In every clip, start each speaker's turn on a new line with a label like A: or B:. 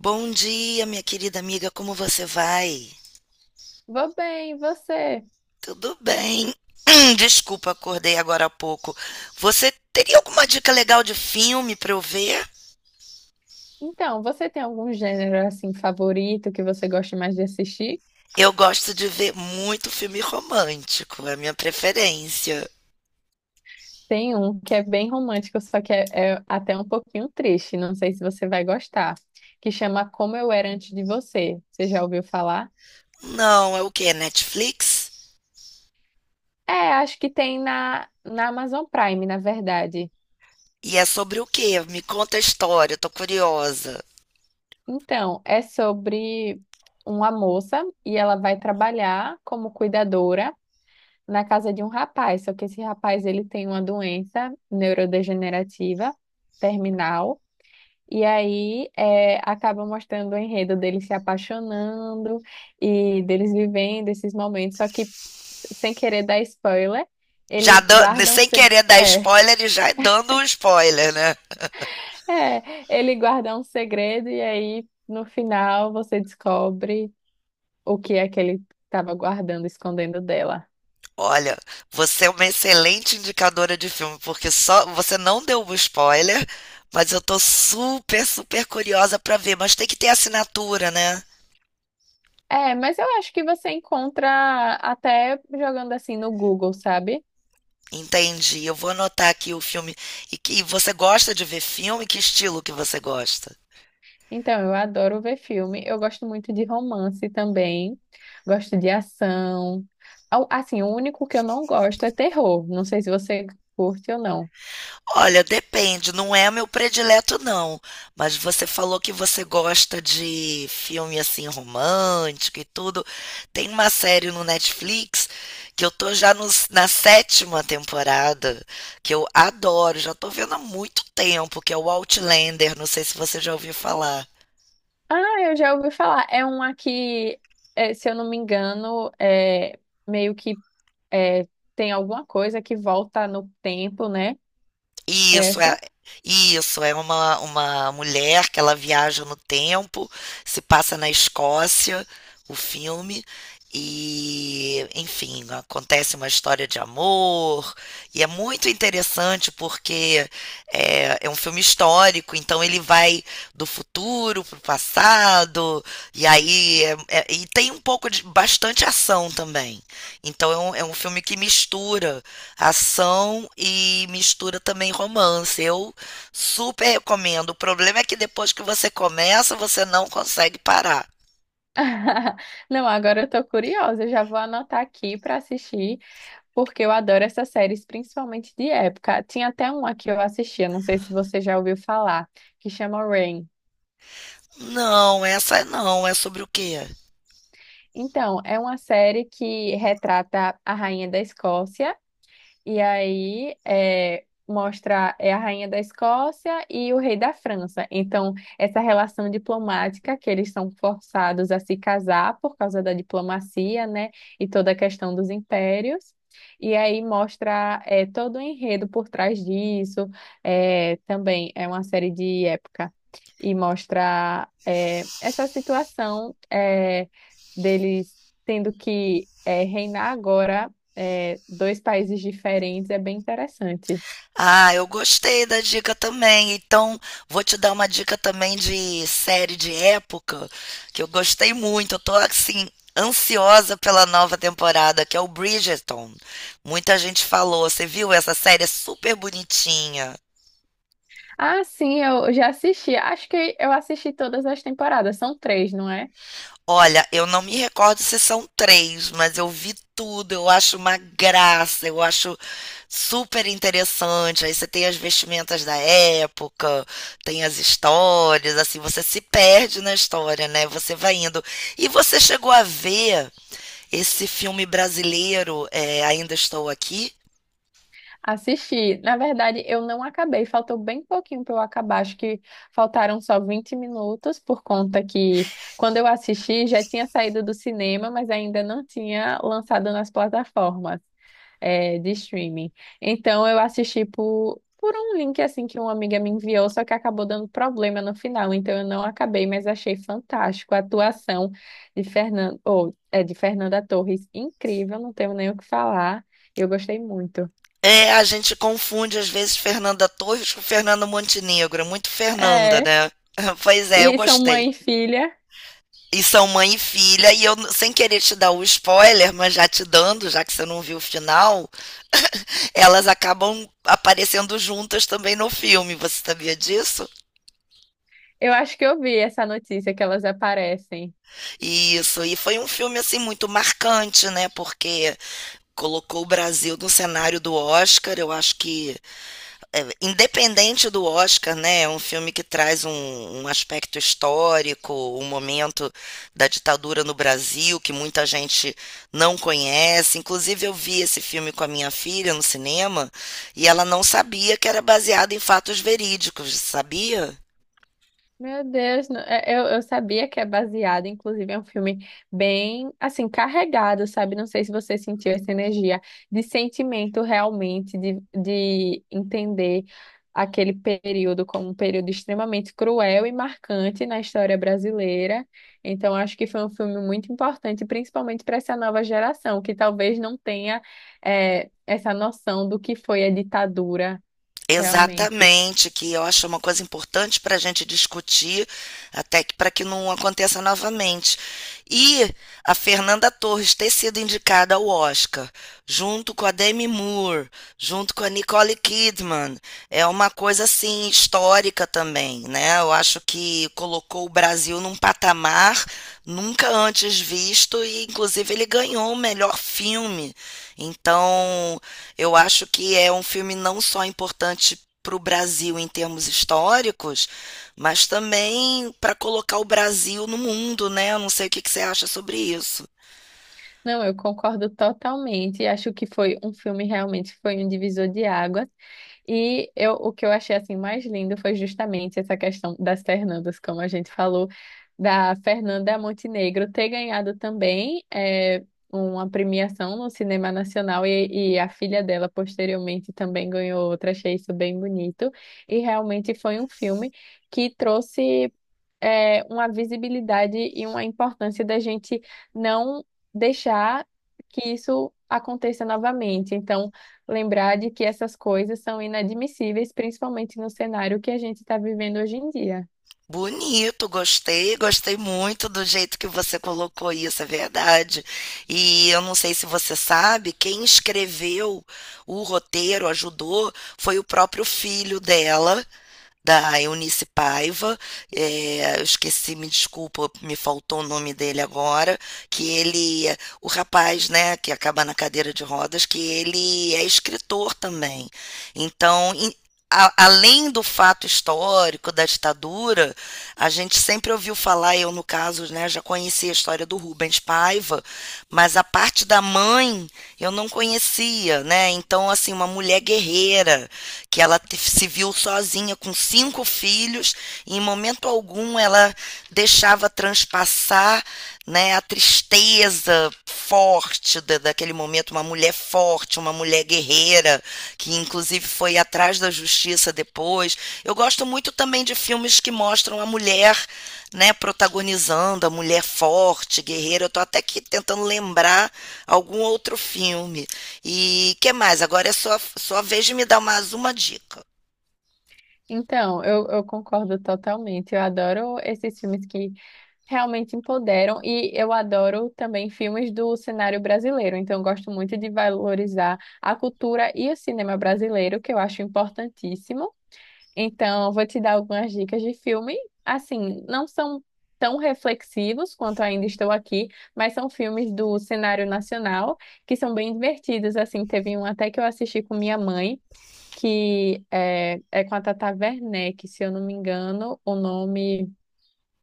A: Bom dia, minha querida amiga, como você vai?
B: Vou bem, e você?
A: Tudo bem. Desculpa, acordei agora há pouco. Você teria alguma dica legal de filme para eu ver?
B: Então, você tem algum gênero assim favorito que você gosta mais de assistir?
A: Eu gosto de ver muito filme romântico, é a minha preferência.
B: Tem um que é bem romântico, só que é até um pouquinho triste. Não sei se você vai gostar, que chama Como Eu Era Antes de Você. Você já ouviu falar?
A: Não, é o quê? Netflix?
B: É, acho que tem na Amazon Prime, na verdade.
A: E é sobre o quê? Me conta a história, eu tô curiosa.
B: Então, é sobre uma moça e ela vai trabalhar como cuidadora na casa de um rapaz, só que esse rapaz ele tem uma doença neurodegenerativa terminal. E aí acaba mostrando o enredo deles se apaixonando e deles vivendo esses momentos. Só que, sem querer dar spoiler, ele guarda um,
A: Sem querer dar spoiler e já dando um spoiler, né?
B: ele guarda um segredo e aí no final você descobre o que é que ele estava guardando, escondendo dela.
A: Olha, você é uma excelente indicadora de filme, porque só você não deu um spoiler, mas eu tô super, super curiosa pra ver. Mas tem que ter assinatura, né?
B: É, mas eu acho que você encontra até jogando assim no Google, sabe?
A: Entendi. Eu vou anotar aqui o filme. E você gosta de ver filme? Que estilo que você gosta?
B: Então, eu adoro ver filme. Eu gosto muito de romance também. Gosto de ação. Assim, o único que eu não gosto é terror. Não sei se você curte ou não.
A: Olha, depende, não é meu predileto não, mas você falou que você gosta de filme assim romântico e tudo. Tem uma série no Netflix que eu tô já na sétima temporada, que eu adoro, já tô vendo há muito tempo, que é o Outlander, não sei se você já ouviu falar.
B: Ah, eu já ouvi falar. É um aqui, é, se eu não me engano, é meio que é, tem alguma coisa que volta no tempo, né?
A: Isso é
B: Essa.
A: isso é uma mulher que ela viaja no tempo, se passa na Escócia, o filme e, enfim, acontece uma história de amor, e é muito interessante porque é um filme histórico, então ele vai do futuro para o passado, e aí e tem um pouco de bastante ação também. Então é um filme que mistura ação e mistura também romance. Eu super recomendo. O problema é que depois que você começa, você não consegue parar.
B: Não, agora eu tô curiosa. Eu já vou anotar aqui para assistir, porque eu adoro essas séries, principalmente de época. Tinha até uma que eu assistia, não sei se você já ouviu falar, que chama Rain.
A: Não, essa é não. É sobre o quê?
B: Então, é uma série que retrata a rainha da Escócia. E aí mostra a rainha da Escócia e o rei da França. Então, essa relação diplomática, que eles são forçados a se casar por causa da diplomacia, né? E toda a questão dos impérios. E aí mostra todo o enredo por trás disso. É, também é uma série de época. E mostra essa situação, deles tendo que reinar agora dois países diferentes. É bem interessante.
A: Ah, eu gostei da dica também. Então, vou te dar uma dica também de série de época que eu gostei muito. Eu tô assim ansiosa pela nova temporada, que é o Bridgerton. Muita gente falou, você viu? Essa série é super bonitinha.
B: Ah, sim, eu já assisti. Acho que eu assisti todas as temporadas. São três, não é?
A: Olha, eu não me recordo se são três, mas eu vi tudo. Eu acho uma graça, eu acho super interessante. Aí você tem as vestimentas da época, tem as histórias, assim, você se perde na história, né? Você vai indo. E você chegou a ver esse filme brasileiro, é, Ainda Estou Aqui?
B: Assisti. Na verdade, eu não acabei, faltou bem pouquinho para eu acabar. Acho que faltaram só 20 minutos, por conta que quando eu assisti já tinha saído do cinema, mas ainda não tinha lançado nas plataformas, de streaming. Então eu assisti por um link assim que uma amiga me enviou, só que acabou dando problema no final, então eu não acabei, mas achei fantástico a atuação de Fernando, ou, é, de Fernanda Torres. Incrível, não tenho nem o que falar. Eu gostei muito.
A: É, a gente confunde às vezes Fernanda Torres com Fernando Montenegro. É muito Fernanda,
B: É,
A: né? Pois é, eu
B: e são
A: gostei.
B: mãe e filha.
A: E são mãe e filha, e eu, sem querer te dar o spoiler, mas já te dando, já que você não viu o final, elas acabam aparecendo juntas também no filme. Você sabia disso?
B: Eu acho que eu vi essa notícia que elas aparecem.
A: Isso. E foi um filme, assim, muito marcante, né? Porque colocou o Brasil no cenário do Oscar. Eu acho que independente do Oscar, né? É um filme que traz um aspecto histórico, um momento da ditadura no Brasil que muita gente não conhece. Inclusive, eu vi esse filme com a minha filha no cinema e ela não sabia que era baseado em fatos verídicos, sabia?
B: Meu Deus, eu sabia que é baseado, inclusive é um filme bem, assim, carregado, sabe? Não sei se você sentiu essa energia de sentimento realmente, de entender aquele período como um período extremamente cruel e marcante na história brasileira. Então, acho que foi um filme muito importante, principalmente para essa nova geração, que talvez não tenha, essa noção do que foi a ditadura realmente.
A: Exatamente, que eu acho uma coisa importante para a gente discutir, até que para que não aconteça novamente. E a Fernanda Torres ter sido indicada ao Oscar, junto com a Demi Moore, junto com a Nicole Kidman, é uma coisa assim histórica também, né? Eu acho que colocou o Brasil num patamar nunca antes visto e inclusive ele ganhou o melhor filme. Então, eu acho que é um filme não só importante para o Brasil em termos históricos, mas também para colocar o Brasil no mundo, né? Eu não sei o que que você acha sobre isso.
B: Não, eu concordo totalmente. Acho que foi um filme, realmente foi um divisor de águas. E eu, o que eu achei assim mais lindo foi justamente essa questão das Fernandas, como a gente falou, da Fernanda Montenegro ter ganhado também uma premiação no cinema nacional, e a filha dela posteriormente também ganhou outra. Achei isso bem bonito. E realmente foi um filme que trouxe uma visibilidade e uma importância da gente não deixar que isso aconteça novamente. Então, lembrar de que essas coisas são inadmissíveis, principalmente no cenário que a gente está vivendo hoje em dia.
A: Bonito, gostei, gostei muito do jeito que você colocou isso, é verdade. E eu não sei se você sabe, quem escreveu o roteiro, ajudou, foi o próprio filho dela, da Eunice Paiva, eu esqueci, me desculpa, me faltou o nome dele agora, que ele, o rapaz, né, que acaba na cadeira de rodas, que ele é escritor também. Então, além do fato histórico da ditadura, a gente sempre ouviu falar, eu no caso, né, já conhecia a história do Rubens Paiva, mas a parte da mãe eu não conhecia, né? Então, assim, uma mulher guerreira que ela se viu sozinha com cinco filhos e em momento algum ela deixava transpassar, né, a tristeza forte daquele momento, uma mulher forte, uma mulher guerreira, que inclusive foi atrás a justiça depois. Eu gosto muito também de filmes que mostram a mulher, né, protagonizando, a mulher forte, guerreira. Eu tô até aqui tentando lembrar algum outro filme. E que mais? Agora é sua vez de me dar mais uma dica.
B: Então, eu concordo totalmente. Eu adoro esses filmes que realmente empoderam, e eu adoro também filmes do cenário brasileiro. Então, eu gosto muito de valorizar a cultura e o cinema brasileiro, que eu acho importantíssimo. Então, eu vou te dar algumas dicas de filme. Assim, não são tão reflexivos quanto Ainda Estou Aqui, mas são filmes do cenário nacional que são bem divertidos. Assim, teve um até que eu assisti com minha mãe, que é com a Tata Werneck, se eu não me engano, o nome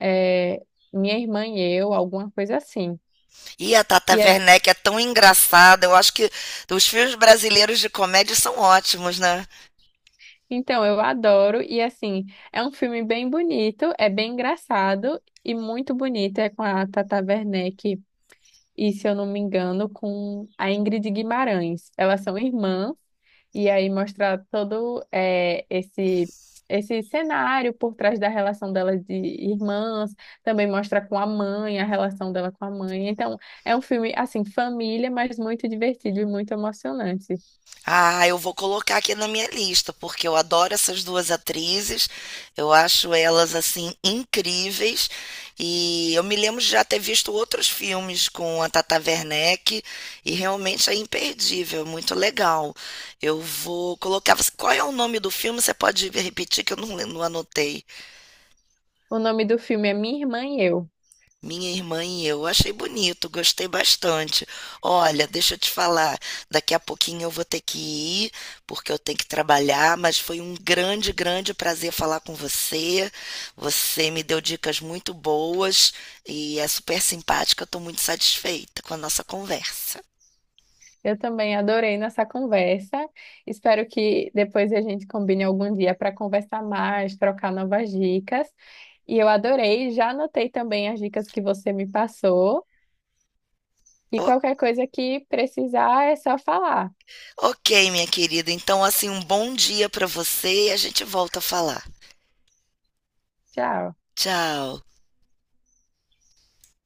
B: é Minha Irmã e Eu, alguma coisa assim.
A: E a Tata
B: E é,
A: Werneck é tão engraçada. Eu acho que os filmes brasileiros de comédia são ótimos, né?
B: então, eu adoro, e assim, é um filme bem bonito, é bem engraçado e muito bonito. É com a Tata Werneck, e, se eu não me engano, com a Ingrid Guimarães. Elas são irmãs, e aí mostra todo esse cenário por trás da relação delas de irmãs, também mostra com a mãe, a relação dela com a mãe. Então, é um filme, assim, família, mas muito divertido e muito emocionante.
A: Ah, eu vou colocar aqui na minha lista, porque eu adoro essas duas atrizes, eu acho elas assim incríveis. E eu me lembro de já ter visto outros filmes com a Tata Werneck e realmente é imperdível, muito legal. Eu vou colocar. Qual é o nome do filme? Você pode repetir que eu não anotei.
B: O nome do filme é Minha Irmã e Eu.
A: Minha irmã e eu. Achei bonito, gostei bastante. Olha, deixa eu te falar, daqui a pouquinho eu vou ter que ir, porque eu tenho que trabalhar, mas foi um grande, grande prazer falar com você. Você me deu dicas muito boas e é super simpática. Eu estou muito satisfeita com a nossa conversa.
B: Eu também adorei nossa conversa. Espero que depois a gente combine algum dia para conversar mais, trocar novas dicas. E eu adorei, já anotei também as dicas que você me passou. E
A: O-
B: qualquer coisa que precisar é só falar.
A: ok, minha querida. Então, assim, um bom dia para você e a gente volta a falar.
B: Tchau.
A: Tchau.